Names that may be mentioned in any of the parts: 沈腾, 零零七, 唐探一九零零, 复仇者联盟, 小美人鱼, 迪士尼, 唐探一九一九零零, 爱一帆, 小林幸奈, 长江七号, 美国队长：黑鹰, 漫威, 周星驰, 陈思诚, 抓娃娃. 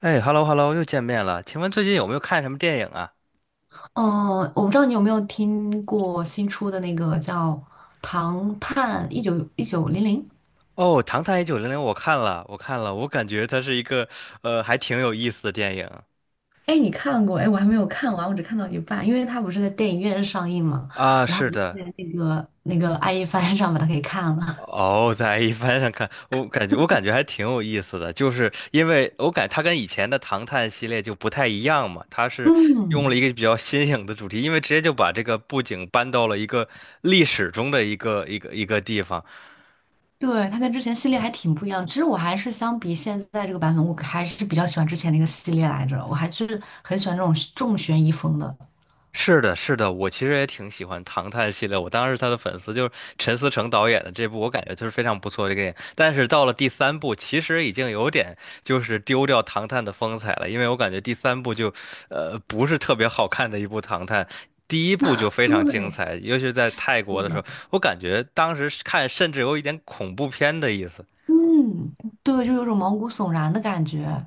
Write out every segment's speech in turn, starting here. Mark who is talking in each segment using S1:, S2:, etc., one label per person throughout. S1: 哎，hello hello，又见面了。请问最近有没有看什么电影啊？
S2: 嗯，我不知道你有没有听过新出的那个叫《唐探一九零零》。
S1: 哦，《唐探一九零零》，我看了，我看了，我感觉它是一个还挺有意思的电影
S2: 哎，你看过？哎，我还没有看完，我只看到一半，因为它不是在电影院上映嘛，
S1: 啊。
S2: 然后
S1: 是
S2: 我就
S1: 的，
S2: 在那个爱一帆上把它给看了。
S1: 哦，在 A 翻上看，我感觉还挺有意思的，就是因为我感它跟以前的《唐探》系列就不太一样嘛，它 是用了
S2: 嗯，
S1: 一个比较新颖的主题，因为直接就把这个布景搬到了一个历史中的一个地方。
S2: 对，它跟之前系列还挺不一样的。其实我还是相比现在这个版本，我还是比较喜欢之前那个系列来着，我还是很喜欢这种重悬疑风的。
S1: 是的，是的，我其实也挺喜欢《唐探》系列，我当时是他的粉丝，就是陈思诚导演的这部，我感觉就是非常不错的电影。但是到了第三部，其实已经有点就是丢掉《唐探》的风采了，因为我感觉第三部就，不是特别好看的一部《唐探》。第一部就非常精
S2: 对，
S1: 彩，尤其是在泰
S2: 是
S1: 国的时
S2: 的。
S1: 候，我感觉当时是看甚至有一点恐怖片的意思。
S2: 嗯，对，就有种毛骨悚然的感觉。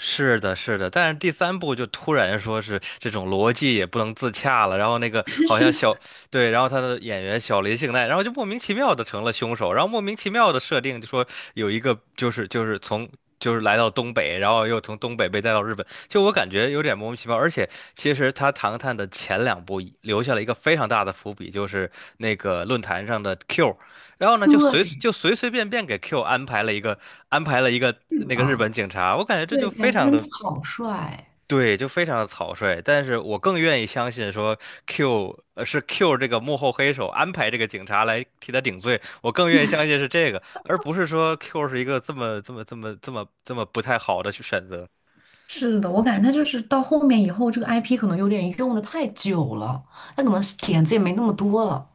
S1: 是的，是的，但是第三部就突然说是这种逻辑也不能自洽了，然后那个好像 小，对，然后他的演员小林幸奈，然后就莫名其妙的成了凶手，然后莫名其妙的设定就说有一个就是就是从就是来到东北，然后又从东北被带到日本，就我感觉有点莫名其妙，而且其实他《唐探》的前两部留下了一个非常大的伏笔，就是那个论坛上的 Q。然后呢，就随
S2: 对，
S1: 就随随便便给 Q 安排了一个那个日
S2: 啊，
S1: 本警察，我感觉这
S2: 对，
S1: 就非
S2: 感觉
S1: 常
S2: 很
S1: 的
S2: 草率。
S1: 对，就非常的草率。但是我更愿意相信说 是 Q 这个幕后黑手安排这个警察来替他顶罪，我更愿意相信是这个，而不是说 Q 是一个这么不太好的去选择。
S2: 是的，我感觉他就是到后面以后，这个 IP 可能有点用的太久了，他可能点子也没那么多了。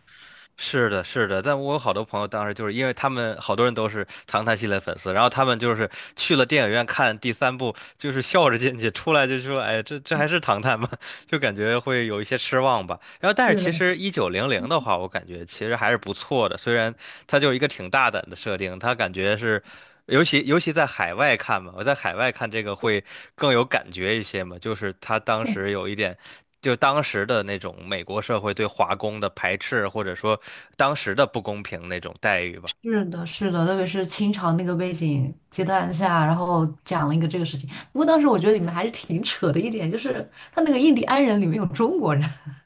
S1: 是的，是的，但我有好多朋友当时就是因为他们好多人都是《唐探》系列粉丝，然后他们就是去了电影院看第三部，就是笑着进去，出来就说：“哎，这还是《唐探》吗？” 就感觉会有一些失望吧。然后，但是
S2: 是的，
S1: 其实一九零零的话，我感觉其实还是不错的，虽然它就是一个挺大胆的设定，它感觉是，尤其在海外看嘛，我在海外看这个会更有感觉一些嘛，就是他当
S2: 对，
S1: 时有一点。就当时的那种美国社会对华工的排斥，或者说当时的不公平那种待遇吧。
S2: 是的，是的，特别是清朝那个背景阶段下，然后讲了一个这个事情。不过当时我觉得里面还是挺扯的一点，就是他那个印第安人里面有中国人。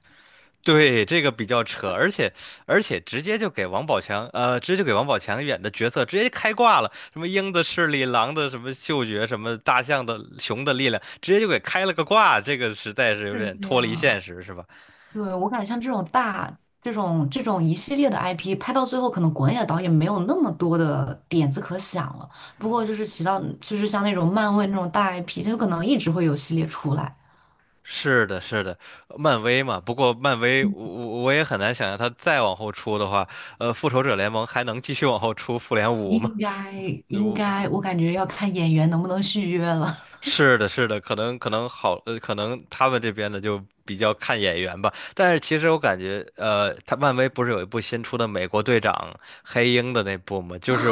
S1: 对，这个比较扯，而且而且直接就给王宝强，呃，直接就给王宝强演的角色直接开挂了，什么鹰的视力、狼的什么嗅觉、什么大象的、熊的力量，直接就给开了个挂，这个实在是有
S2: 是
S1: 点
S2: 这
S1: 脱离现
S2: 样
S1: 实，是吧？
S2: 对，我感觉像这种大、这种一系列的 IP，拍到最后，可能国内的导演没有那么多的点子可想了。不过就是提到，就是像那种漫威那种大 IP，就可能一直会有系列出来。
S1: 是的，是的，漫威嘛。不过漫威，我也很难想象他再往后出的话，复仇者联盟还能继续往后出复联五吗？
S2: 应该应
S1: 如
S2: 该，我感觉要看演员能不能续约了。
S1: 是的，是的，可能好，可能他们这边的就比较看眼缘吧。但是其实我感觉，他漫威不是有一部新出的《美国队长：黑鹰》的那部吗？就是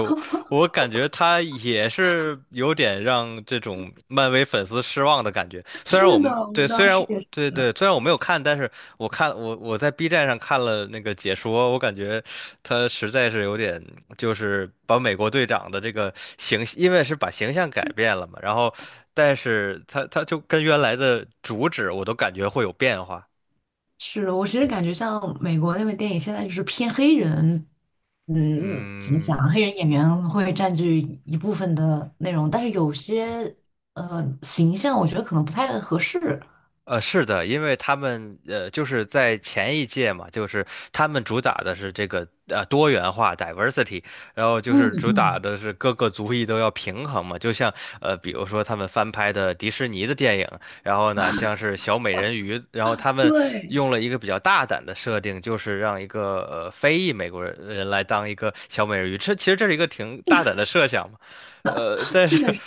S1: 我感觉他也是有点让这种漫威粉丝失望的感觉。虽然我
S2: 是的，
S1: 们
S2: 我
S1: 对，虽
S2: 当
S1: 然
S2: 时也
S1: 我
S2: 是。
S1: 对对，虽然我没有看，但是我看我我在 B 站上看了那个解说，我感觉他实在是有点，就是把美国队长的这个因为是把形象改变了嘛，然后，但是他就跟原来的主旨我都感觉会有变化。
S2: 是我其实感觉像美国那边电影现在就是偏黑人，嗯，怎么
S1: 嗯，
S2: 讲，黑人演员会占据一部分的内容，但是有些形象我觉得可能不太合适。
S1: 是的，因为他们就是在前一届嘛，就是他们主打的是这个多元化 diversity，然后就
S2: 嗯
S1: 是主打
S2: 嗯，
S1: 的是各个族裔都要平衡嘛，就像比如说他们翻拍的迪士尼的电影，然后呢，像是小美人鱼，然后他们
S2: 对。
S1: 用了一个比较大胆的设定，就是让一个非裔美国人来当一个小美人鱼，这其实这是一个挺大胆的设想嘛，但是
S2: 确实，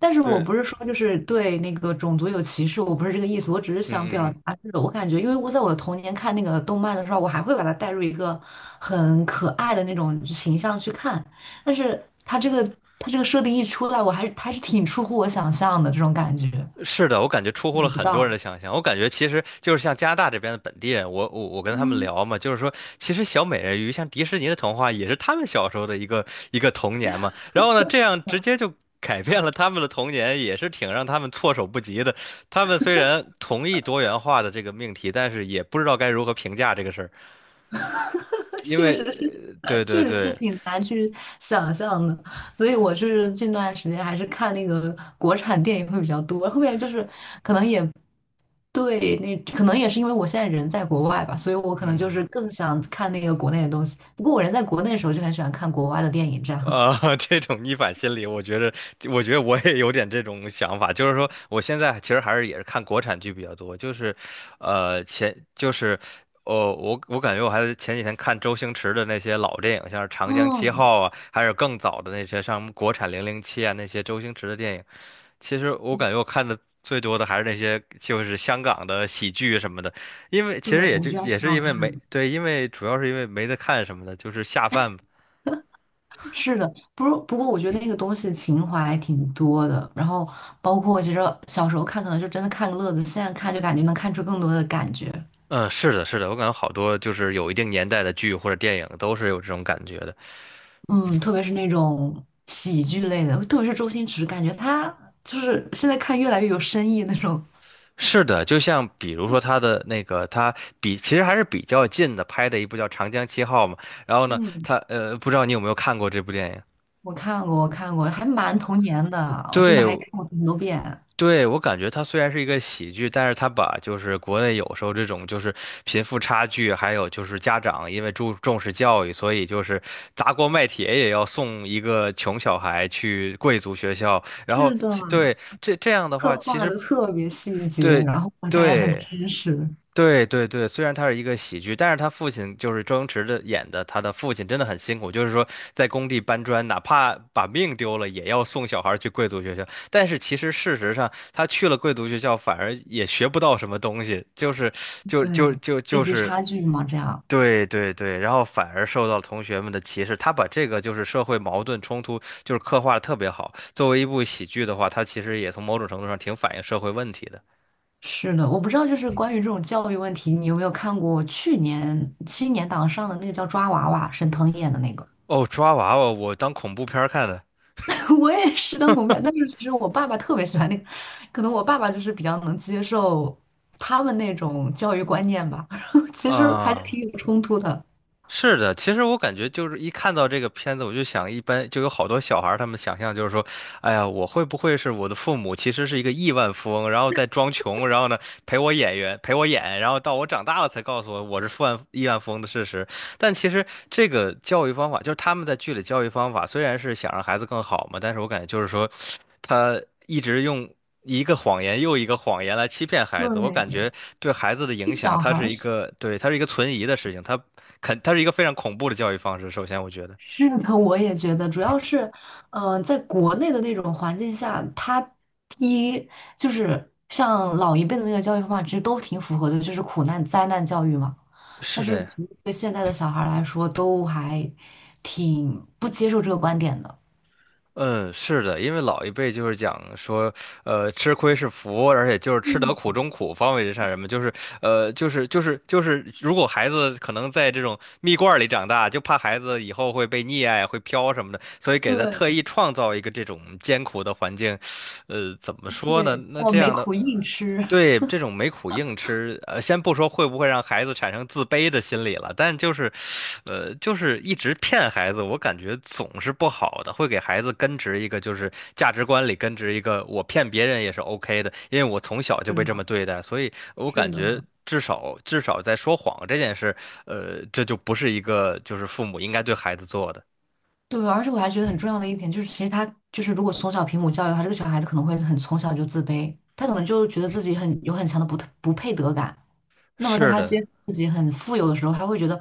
S2: 但 是我
S1: 对，
S2: 不是说就是对那个种族有歧视，我不是这个意思，我只是
S1: 嗯
S2: 想
S1: 嗯
S2: 表
S1: 嗯。
S2: 达，就是我感觉，因为我在我的童年看那个动漫的时候，我还会把它带入一个很可爱的那种形象去看，但是它这个设定一出来，我还是挺出乎我想象的这种感觉，
S1: 是的，我感觉出乎了
S2: 想不
S1: 很多人
S2: 到，
S1: 的想象。我感觉其实就是像加拿大这边的本地人，我跟他们
S2: 嗯，
S1: 聊嘛，就是说，其实小美人鱼像迪士尼的童话也是他们小时候的一个童年嘛。然后呢，这样直接就改变了他们的童年，也是挺让他们措手不及的。他们虽然同意多元化的这个命题，但是也不知道该如何评价这个事儿，因
S2: 确
S1: 为
S2: 实是，
S1: 对对
S2: 确实是
S1: 对，
S2: 挺难去想象的，所以我是近段时间还是看那个国产电影会比较多，后面就是可能也对，那可能也是因为我现在人在国外吧，所以我可能就
S1: 嗯。
S2: 是更想看那个国内的东西。不过我人在国内的时候就很喜欢看国外的电影，这样。
S1: 这种逆反心理，我觉得，我觉得我也有点这种想法，就是说，我现在其实还是也是看国产剧比较多，就是，呃，前就是，哦，我感觉我还前几天看周星驰的那些老电影，像是《长江七
S2: 哦，
S1: 号》啊，还有更早的那些像国产《零零七》啊，那些周星驰的电影，其实我感觉我看的最多的还是那些就是香港的喜剧什么的，因为
S2: 对，
S1: 其实也
S2: 我
S1: 就
S2: 觉得还
S1: 也
S2: 挺
S1: 是
S2: 好
S1: 因为没
S2: 看的。
S1: 对，因为主要是因为没得看什么的，就是下饭嘛
S2: 是的，不过我觉得那个东西情怀还挺多的，然后包括其实小时候看可能就真的看个乐子，现在看就感觉能看出更多的感觉。
S1: 嗯，是的，是的，我感觉好多就是有一定年代的剧或者电影都是有这种感觉的。
S2: 嗯，特别是那种喜剧类的，特别是周星驰，感觉他就是现在看越来越有深意那种。
S1: 是的，就像比如说他的那个，他其实还是比较近的拍的一部叫《长江七号》嘛。然后呢，
S2: 嗯，
S1: 他不知道你有没有看过这部电影？
S2: 我看过，我看过，还蛮童年的，我真的
S1: 对，
S2: 还看过很多遍。
S1: 对，我感觉它虽然是一个喜剧，但是它把就是国内有时候这种就是贫富差距，还有就是家长因为注重视教育，所以就是砸锅卖铁也要送一个穷小孩去贵族学校，然
S2: 是
S1: 后
S2: 的，
S1: 对这样的话，
S2: 刻
S1: 其
S2: 画
S1: 实
S2: 的特别细节，
S1: 对
S2: 然后大家很
S1: 对。
S2: 真实。
S1: 对对对，虽然它是一个喜剧，但是他父亲就是周星驰的演的，他的父亲真的很辛苦，就是说在工地搬砖，哪怕把命丢了，也要送小孩儿去贵族学校。但是其实事实上，他去了贵族学校，反而也学不到什么东西，就是就就
S2: 对，
S1: 就
S2: 阶
S1: 就
S2: 级
S1: 是
S2: 差距嘛，这样。
S1: 对对对，然后反而受到同学们的歧视。他把这个就是社会矛盾冲突，就是刻画的特别好。作为一部喜剧的话，他其实也从某种程度上挺反映社会问题的。
S2: 是的，我不知道，就是关于这种教育问题，你有没有看过去年新年档上的那个叫《抓娃娃》，沈腾演的那个？
S1: 哦，抓娃娃，我当恐怖片儿看的。
S2: 我也是当狗面，但是其实我爸爸特别喜欢那个，可能我爸爸就是比较能接受他们那种教育观念吧，其实还是
S1: 啊、
S2: 挺有冲突的。
S1: 是的，其实我感觉就是一看到这个片子，我就想，一般就有好多小孩儿，他们想象就是说，哎呀，我会不会是我的父母其实是一个亿万富翁，然后在装穷，然后呢陪我演，然后到我长大了才告诉我我是亿万富翁的事实。但其实这个教育方法，就是他们在剧里教育方法，虽然是想让孩子更好嘛，但是我感觉就是说，他一直用一个谎言又一个谎言来欺骗孩子，我
S2: 对，
S1: 感觉
S2: 对
S1: 对孩子的影响，
S2: 小
S1: 它
S2: 孩
S1: 是
S2: 儿
S1: 一个，对，它是一个存疑的事情。它是一个非常恐怖的教育方式。首先，我觉得
S2: 是的，我也觉得，主要是，嗯，在国内的那种环境下，他第一就是像老一辈的那个教育方法，其实都挺符合的，就是苦难灾难教育嘛。但
S1: 是
S2: 是
S1: 的，
S2: 对现在的小孩儿来说，都还挺不接受这个观点的。
S1: 嗯，是的，因为老一辈就是讲说，吃亏是福，而且就是吃得苦
S2: 嗯，
S1: 中苦，方为人上人嘛，就是，就是，如果孩子可能在这种蜜罐儿里长大，就怕孩子以后会被溺爱、会飘什么的，所以给他特
S2: 对，
S1: 意创造一个这种艰苦的环境，怎么说呢？
S2: 对，
S1: 那
S2: 叫
S1: 这
S2: 没
S1: 样的
S2: 苦硬吃。
S1: 对，这种没苦硬吃，先不说会不会让孩子产生自卑的心理了，但就是，就是一直骗孩子，我感觉总是不好的，会给孩子根植一个就是价值观里根植一个我骗别人也是 OK 的，因为我从小就
S2: 是
S1: 被这
S2: 的，
S1: 么对待，所以我
S2: 是
S1: 感觉
S2: 的，
S1: 至少至少在说谎这件事，这就不是一个就是父母应该对孩子做的。
S2: 对，而且我还觉得很重要的一点就是，其实他就是如果从小平母教育的话，这个小孩子可能会很从小就自卑，他可能就觉得自己很有很强的不配得感。那么在
S1: 是
S2: 他
S1: 的。
S2: 接，自己很富有的时候，他会觉得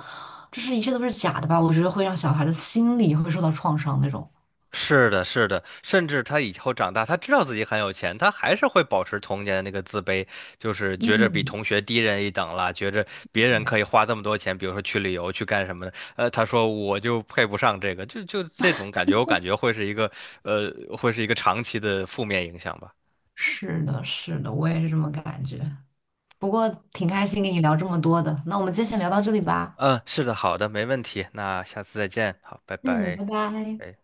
S2: 这是一切都是假的吧？我觉得会让小孩的心理会受到创伤那种。
S1: 是的，是的，甚至他以后长大，他知道自己很有钱，他还是会保持童年的那个自卑，就是觉着
S2: 嗯，
S1: 比同学低人一等啦，觉着别人可
S2: 对，
S1: 以花这么多钱，比如说去旅游去干什么的，他说我就配不上这个，这种感觉，我感觉会是一个，呃，会是一个长期的负面影响吧。
S2: 是的，是的，我也是这么感觉。不过挺开心跟你聊这么多的，那我们今天先聊到这里吧。
S1: 嗯，是的，好的，没问题，那下次再见，好，拜
S2: 嗯，
S1: 拜。
S2: 拜拜。
S1: 哎。